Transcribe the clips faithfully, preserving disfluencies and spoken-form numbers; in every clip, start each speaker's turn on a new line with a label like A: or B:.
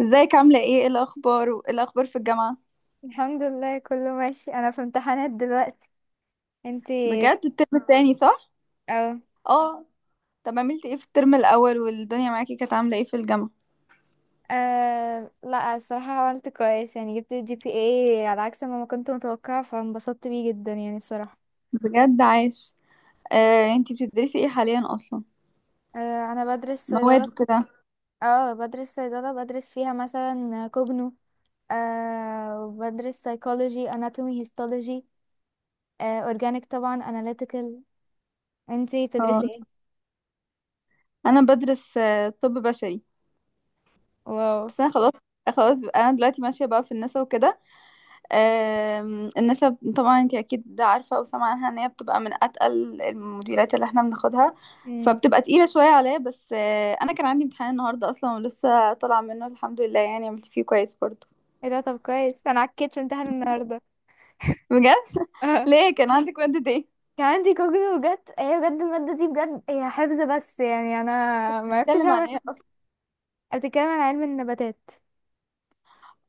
A: ازيك؟ عاملة ايه؟ ايه الأخبار؟ وايه الأخبار في الجامعة؟
B: الحمد لله كله ماشي. انا في امتحانات دلوقتي. انتي؟
A: بجد الترم التاني صح؟
B: اه.
A: اه. طب عملتي ايه في الترم الأول والدنيا معاكي كانت عاملة ايه في الجامعة؟
B: آه، لا، الصراحة عملت كويس يعني. جبت جي بي اي على عكس ما ما كنت متوقعة، فانبسطت بيه جدا يعني الصراحة.
A: بجد عاش. آه، انتي بتدرسي ايه حاليا أصلا؟
B: آه، انا بدرس
A: مواد
B: صيدلة.
A: وكده؟
B: اه بدرس صيدلة، بدرس فيها مثلا كوجنو، آه وبدرس سايكولوجي، اناتومي، هيستولوجي، آه اورجانيك طبعا، اناليتيكال. انتي
A: اه.
B: بتدرسي ايه؟
A: أنا بدرس آه، طب بشري.
B: واو.
A: بس أنا خلاص. خلاص بقى- أنا دلوقتي ماشية بقى في النسا وكده. آم، النسب طبعا انت اكيد عارفه او سامعه عنها ان هي بتبقى من اتقل المديرات اللي احنا بناخدها،
B: امم.
A: فبتبقى تقيله شويه عليا. بس آه، انا كان عندي امتحان النهارده اصلا ولسه طالعه منه الحمد لله، يعني عملت فيه كويس برضه.
B: ايه ده؟ طب كويس، انا عكيت في امتحان النهارده.
A: بجد. ليه؟ كان عندك ماده ايه؟
B: كان عندي كوجني. بجد هي بجد المادة دي، بجد هي حفظ بس يعني انا ما عرفتش
A: بتتكلم عن
B: اعمل.
A: ايه اصلا؟
B: بتتكلم عن علم النباتات.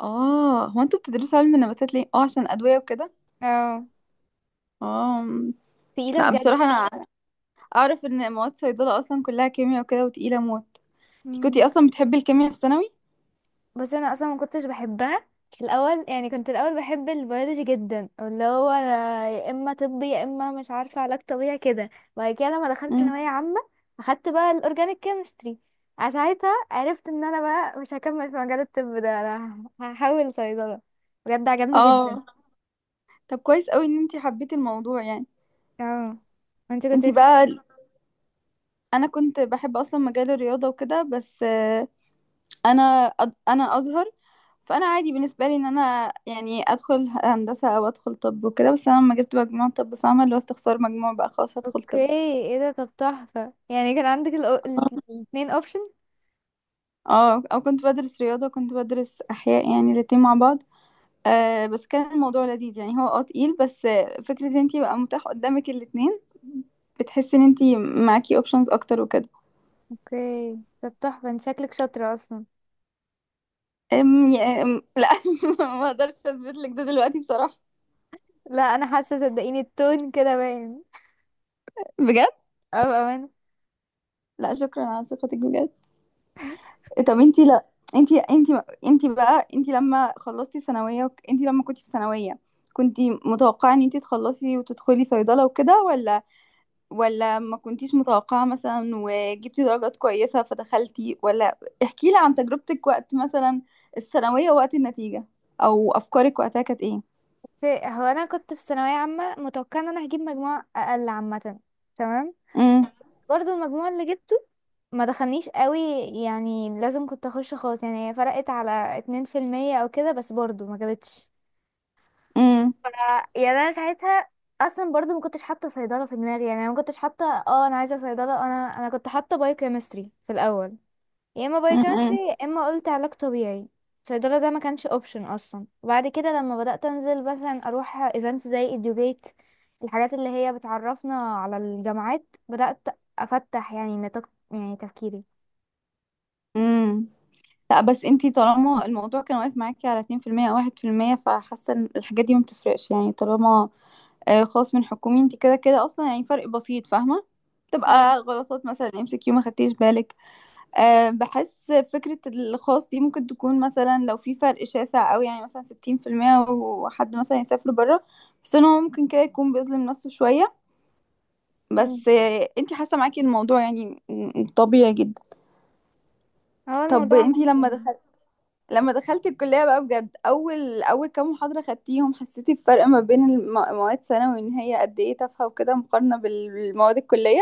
A: اه، هو انتوا بتدرسوا علم النباتات ليه؟ اه عشان الادويه وكده.
B: اه،
A: اه. م.
B: تقيلة
A: لا
B: بجد.
A: بصراحه انا اعرف ان مواد صيدله اصلا كلها كيمياء وكده وتقيله موت. انتي
B: مم.
A: كنتي اصلا بتحبي الكيمياء في ثانوي؟
B: بس انا اصلا ما كنتش بحبها في الاول. يعني كنت الاول بحب البيولوجي جدا، اللي هو أنا يا اما طب يا اما مش عارفه علاج طبيعي كده. وبعد كده لما دخلت
A: مم.
B: ثانويه عامه اخدت بقى الاورجانيك كيمستري، ساعتها عرفت ان انا بقى مش هكمل في مجال الطب ده، انا هحاول صيدله. بجد عجبني جدا.
A: اه، طب كويس قوي ان انتي حبيتي الموضوع يعني.
B: اه. انت كنت
A: انتي
B: بتحبي؟
A: بقى. انا كنت بحب اصلا مجال الرياضة وكده. بس آه، انا أد- انا ازهر، فانا عادي بالنسبة لي ان انا يعني ادخل هندسة او ادخل طب وكده. بس انا لما جبت مجموع طب، فاهمة اللي هو استخسار مجموع، بقى خلاص هدخل
B: اوكي.
A: طب.
B: ايه ده؟ طب تحفة يعني. كان عندك الأو... ال-
A: آه،
B: الاتنين اوبشن.
A: اه، او كنت بدرس رياضة وكنت بدرس احياء، يعني الاتنين مع بعض. آه، بس كان الموضوع لذيذ يعني. هو اه تقيل، بس آه، فكرة ان انتي بقى متاح قدامك الاتنين، بتحسي ان انتي معاكي اوبشنز اكتر وكده.
B: اوكي طب تحفة، انت شكلك شاطرة اصلا.
A: أم يا أم لا. ما اقدرش اثبت لك ده دلوقتي بصراحة.
B: لا، انا حاسة، صدقيني التون كده باين.
A: بجد؟
B: اه، بأمانة.
A: لا شكرا على ثقتك بجد. إيه، طب انتي لا. انتي انتي انتي بقى انتي لما خلصتي ثانوية وك- انتي لما كنتي في ثانوية، كنتي متوقعة ان انتي تخلصي وتدخلي صيدلة وكده، ولا ولا ما كنتيش متوقعة مثلا وجبتي درجات كويسة فدخلتي؟ ولا احكي لي عن تجربتك وقت مثلا الثانوية، وقت النتيجة، او افكارك وقتها كانت ايه؟
B: اوكي، هو انا كنت في ثانوية عامة متوقعة ان انا هجيب مجموع اقل عامة. تمام.
A: امم.
B: برضو المجموع اللي جبته ما دخلنيش قوي، يعني لازم كنت اخش خالص يعني. فرقت على اتنين في المية او كده، بس برضو ما جابتش. ف- يعني انا ساعتها اصلا برضو ما كنتش حاطه صيدله في دماغي، يعني انا ما كنتش حاطه اه انا عايزه صيدله. انا انا كنت حاطه بايوكيمستري في الاول، يا اما بايوكيمستري
A: امم.
B: يا اما قلت علاج طبيعي. صيدله ده ما كانش اوبشن اصلا. وبعد كده لما بدات انزل مثلا اروح ايفنتس زي ايديوجيت، الحاجات اللي هي بتعرفنا على الجامعات، بدات افتح يعني نطاق يعني تفكيري.
A: امم. لا بس انتي طالما الموضوع كان واقف معاكي على اتنين في المية او واحد في المية، فحاسه ان الحاجات دي ما بتفرقش يعني. طالما آه، خاص من حكومي، انتي كده كده اصلا يعني فرق بسيط، فاهمه،
B: اه.
A: تبقى غلطات مثلا ام سي كيو ما خدتيش بالك. أه، بحس فكره الخاص دي ممكن تكون مثلا لو في فرق شاسع قوي، يعني مثلا ستين في المية، وحد مثلا يسافر بره، بس ان هو ممكن كده يكون بيظلم نفسه شويه.
B: مم.
A: بس آه، انتي حاسه معاكي الموضوع يعني م- م- طبيعي جدا.
B: هو
A: طب
B: الموضوع
A: انتي
B: ماشي
A: لما،
B: يعني.
A: لما دخلت الكلية بقى بجد، أول أول كام محاضرة خدتيهم، حسيتي بفرق ما بين الم- مواد ثانوي إن هي قد إيه تافهة وكده، مقارنة بال- بالمواد الكلية؟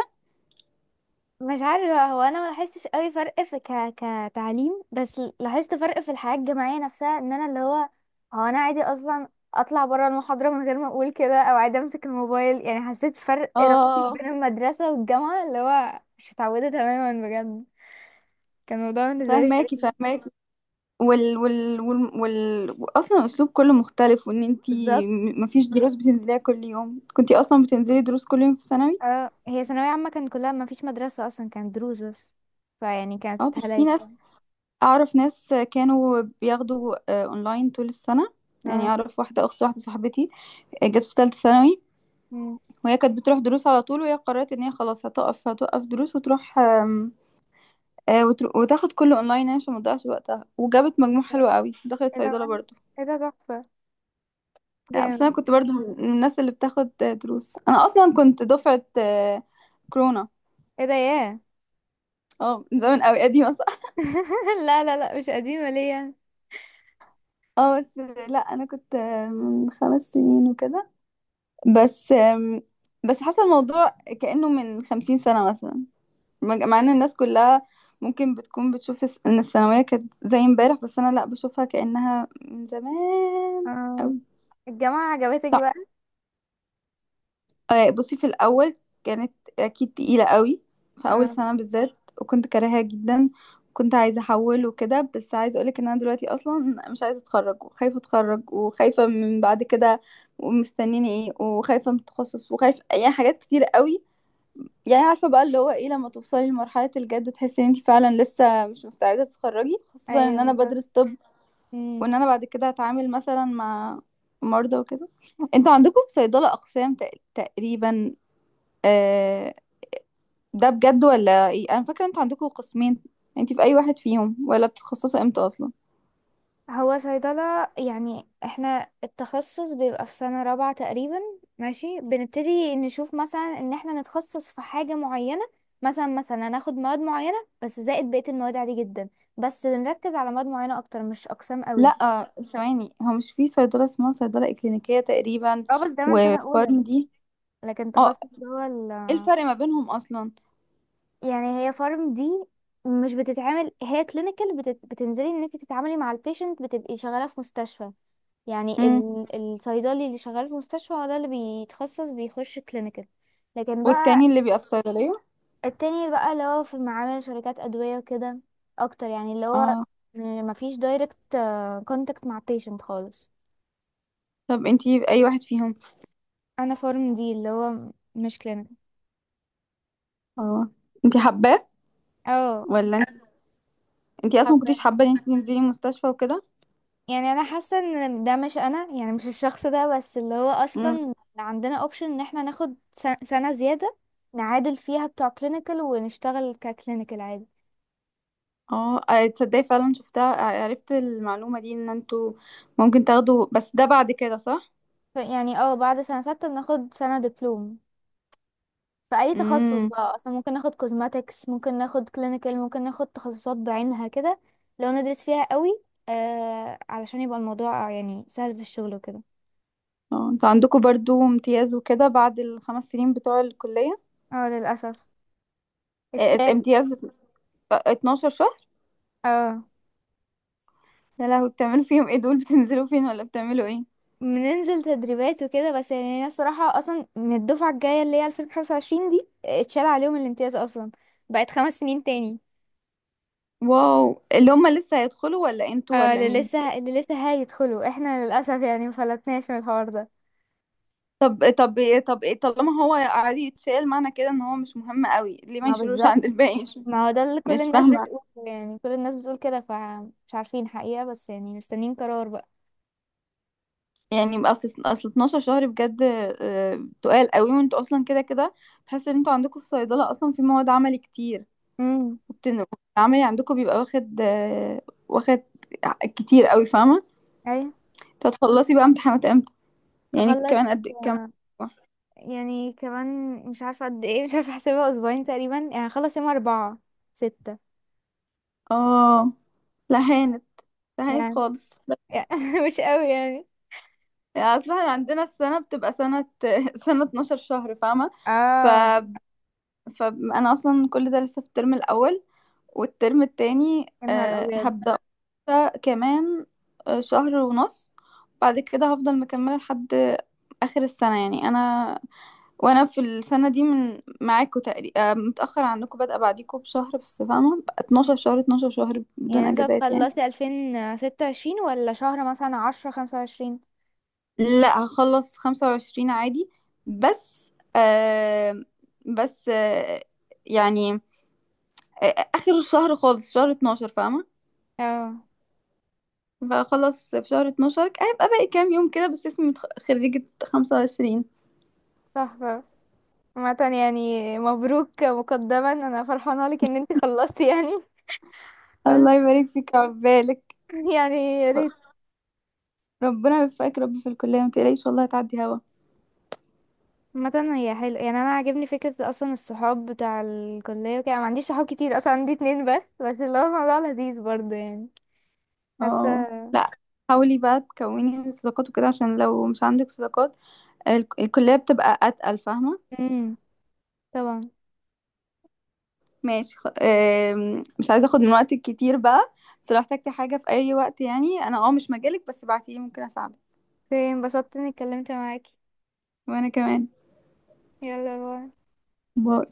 B: مش عارفة، هو انا ما لاحظتش قوي فرق في ك... كتعليم، بس لاحظت فرق في الحياة الجامعية نفسها. ان انا اللي هو هو انا عادي اصلا اطلع برا المحاضرة من غير ما اقول كده، او عادي امسك الموبايل. يعني حسيت فرق رهيب
A: اه.
B: بين المدرسة والجامعة، اللي هو مش متعودة تماما بجد. كان الموضوع بالنسبة لي
A: فهماكي
B: غريب.
A: فهماكي. وال وال وال, وال... أصلا الأسلوب كله مختلف، وإن انتي
B: بالظبط.
A: م- مفيش دروس بتنزليها كل يوم. كنتي أصلا بتنزلي دروس كل يوم في ثانوي.
B: اه، هي ثانوية عامة كان كلها ما فيش مدرسة اصلا، كانت دروس بس. فيعني كانت
A: اه، بس في
B: هلاك
A: ناس
B: يعني.
A: أعرف ناس كانوا بياخدوا آه، أونلاين طول السنة. يعني
B: اه.
A: أعرف واحدة، أخت واحدة صاحبتي، آه، جت في تالتة ثانوي،
B: مم.
A: وهي كانت بتروح دروس على طول، وهي قررت ان هي خلاص هتقف، هتوقف دروس وتروح آم، آه، وتر- وتاخد كله اونلاين عشان ما تضيعش وقتها، وجابت مجموع حلو قوي دخلت
B: ايه ده
A: صيدله
B: بقى؟
A: برضو.
B: ايه ده، تحفة!
A: لا بس انا
B: جامد!
A: كنت برضو من من الناس اللي بتاخد آه، دروس. انا اصلا كنت دفعه آه، كورونا.
B: ايه ده، ياه!
A: اه، من زمان قوي قديمه صح.
B: لا لا لا، مش قديمة ليه يعني.
A: اه بس لا انا كنت آه، من خمس سنين وكده. بس آم، بس حصل الموضوع كأنه من خمسين سنة مثلا. مج- مع ان الناس كلها ممكن بتكون بتشوف الس- ان الثانوية كانت زي امبارح، بس انا لا، بشوفها كأنها من زمان
B: اه.
A: قوي.
B: الجامعة عجبتك
A: صح.
B: بقى؟
A: آه، بصي في الأول كانت أكيد تقيلة قوي، في أول
B: اه.
A: سنة بالذات، وكنت كارهاها جدا. كنت عايزة أحول وكده، بس عايزة أقولك إن أنا دلوقتي أصلا مش عايزة أتخرج، وخايفة أتخرج، وخايفة من بعد كده ومستنيني إيه، وخايفة من التخصص، وخايفة يعني حاجات كتير قوي. يعني عارفة بقى اللي هو ايه لما توصلي لمرحلة الجد، تحسي ان انت فعلا لسه مش مستعدة تتخرجي، خاصة
B: ايوه
A: ان انا
B: بالظبط.
A: بدرس طب،
B: مم.
A: وان انا بعد كده هتعامل مثلا مع مرضى وكده. انتوا عندكم في صيدلة اقسام تق- تقريبا آه، ده بجد ولا ايه؟ انا فاكرة انتوا عندكم قسمين. انت في اي واحد فيهم، ولا بتتخصصوا امتى اصلا؟
B: هو صيدلة يعني احنا التخصص بيبقى في سنة رابعة تقريبا. ماشي، بنبتدي نشوف مثلا ان احنا نتخصص في حاجة معينة. مثلا مثلا هناخد مواد معينة بس زائد بقية المواد عادي جدا، بس بنركز على مواد معينة اكتر. مش اقسام قوي.
A: لا ثواني، هو مش في صيدلة اسمها صيدلة اكلينيكية تقريبا،
B: اه بس ده من سنة اولى،
A: وفارم دي؟
B: لكن
A: اه.
B: تخصص جوه.
A: ايه الفرق ما بينهم اصلا؟
B: يعني هي فارم دي مش بتتعمل. هي كلينيكال بتت... بتنزلي ان انت تتعاملي مع البيشنت، بتبقي شغاله في مستشفى. يعني
A: امم.
B: ال... الصيدلي اللي شغال في مستشفى هو ده اللي بيتخصص بيخش كلينيكال. لكن
A: والتاني
B: بقى
A: اللي بيبقى في صيدلية؟
B: التاني بقى اللي هو في معامل شركات ادويه وكده اكتر، يعني اللي هو
A: اه.
B: م- مفيش دايركت كونتاكت مع بيشنت خالص.
A: طب انتي اي واحد فيهم؟
B: انا فارم دي اللي هو مش كلينيكال.
A: اه، انتي حباه،
B: اه.
A: ولا انت- انتي اصلا ما كنتيش حابه ان انتي تنزلي المستشفى وكده؟
B: يعني انا حاسه ان ده مش انا، يعني مش الشخص ده. بس اللي هو
A: امم.
B: اصلا عندنا اوبشن ان احنا ناخد سن- سنه زياده، نعادل فيها بتوع كلينيكال ونشتغل ككلينيكال عادي.
A: اه، اه، تصدقي فعلا شفتها، ع- عرفت المعلومه دي ان انتوا ممكن تاخدوا، بس ده بعد كده صح؟
B: ف- يعني اه بعد سنه سته بناخد سنه دبلوم في اي تخصص
A: امم.
B: بقى اصلا. ممكن ناخد كوزماتكس، ممكن ناخد كلينيكال، ممكن ناخد تخصصات بعينها كده لو ندرس فيها قوي، آه، علشان يبقى الموضوع يعني سهل في الشغل وكده.
A: اه، انتوا عندكم برضو امتياز وكده بعد الخمس سنين بتوع الكليه؟
B: اه، للاسف
A: اه، اه،
B: اتشال.
A: امتياز. اه، اتناشر شهر.
B: اه،
A: يا لهوي، بتعملوا فيهم ايه دول؟ بتنزلوا فين ولا بتعملوا ايه؟
B: بننزل تدريبات وكده. بس يعني انا الصراحة اصلا من الدفعة الجاية اللي هي ألفين وخمسة وعشرين دي آه، اتشال عليهم الامتياز اصلا، بقت خمس سنين تاني.
A: واو، اللي هم لسه هيدخلوا، ولا انتوا،
B: اه،
A: ولا
B: اللي
A: مين؟
B: لسه اللي لسه هيدخلوا احنا، للأسف يعني مفلتناش من الحوار ده.
A: طب طب طب ايه، طالما هو عادي يتشال، معنى كده ان هو مش مهم قوي، ليه ما
B: ما
A: يشيلوش
B: بالظبط،
A: عند الباقي؟ مش
B: ما هو ده اللي كل
A: مش
B: الناس
A: فاهمه.
B: بتقوله. يعني كل الناس بتقول كده، فمش عارفين حقيقة، بس يعني مستنيين قرار بقى.
A: يعني اصل اصل اتناشر شهر بجد آه، تقال قوي، وانتوا اصلا كده كده بحس ان انتوا عندكم في صيدله اصلا في مواد عملي كتير،
B: امم.
A: وبتن- العملي عندكم بيبقى واخد آه، واخد كتير قوي، فاهمه.
B: ايوه.
A: تتخلصي بقى امتحانات امتى؟ يعني كمان
B: هخلص،
A: قد كام
B: آه،
A: أسبوع؟
B: يعني كمان مش عارفة قد ايه، مش عارفة احسبها. اسبوعين تقريبا يعني. هخلص يوم اربعة ستة
A: اه، لا هانت. لا هانت
B: يعني.
A: خالص.
B: مش قوي يعني.
A: اصل احنا عندنا السنة بتبقى سنة. سنة اتناشر شهر فاهمة. ف...
B: اه.
A: فانا اصلا كل ده لسه في الترم الاول، والترم التاني
B: يا نهار
A: آه،
B: ابيض!
A: هبدأ أولى كمان. آه، شهر ونص بعد كده هفضل مكملة لحد اخر السنة. يعني انا، وانا في السنة دي، من معاكم تقريبا متأخر عنكم، بادئة بعديكم بشهر بس، فاهمة بقى
B: مم.
A: اتناشر شهر، اتناشر شهر بدون
B: يعني انت
A: اجازات يعني.
B: هتخلصي ألفين وستة وعشرين ولا شهر مثلا عشرة خمسة وعشرين؟
A: لا هخلص خمسة وعشرين عادي. بس آه بس آه يعني آه آخر الشهر خالص، شهر اتناشر فاهمة.
B: اه،
A: فأخلص في شهر اتناشر، هيبقى باقي كام يوم كده بس، اسمي متخ- خريجة خمسة وعشرين.
B: تحفة. عامة يعني مبروك مقدما، انا فرحانة لك ان انت خلصتي يعني. بس
A: الله يبارك فيك وعقبالك.
B: يعني يا ريت.
A: ربنا يوفقك يا رب في الكلية، متقلقيش والله هتعدي هوا.
B: عامة هي حلو يعني. انا عاجبني فكرة اصلا الصحاب بتاع الكلية وكده. أنا ما عنديش صحاب كتير اصلا، عندي اتنين بس بس اللي هو الموضوع لذيذ برضه يعني.
A: اه.
B: حاسة.
A: لا حاولي بقى تكوني صداقات وكده، عشان لو مش عندك صداقات ال- الكلية بتبقى أتقل فاهمة.
B: امم. طبعا.
A: ماشي. خ... آم، مش عايزة اخد من وقتك كتير بقى، بس لو احتجتي حاجة في اي وقت، يعني انا اه مش مجالك، بس بعتيلي ممكن اساعدك.
B: اوكي، انبسطت اني اتكلمت معاكي.
A: وانا كمان.
B: يلا باي.
A: باي.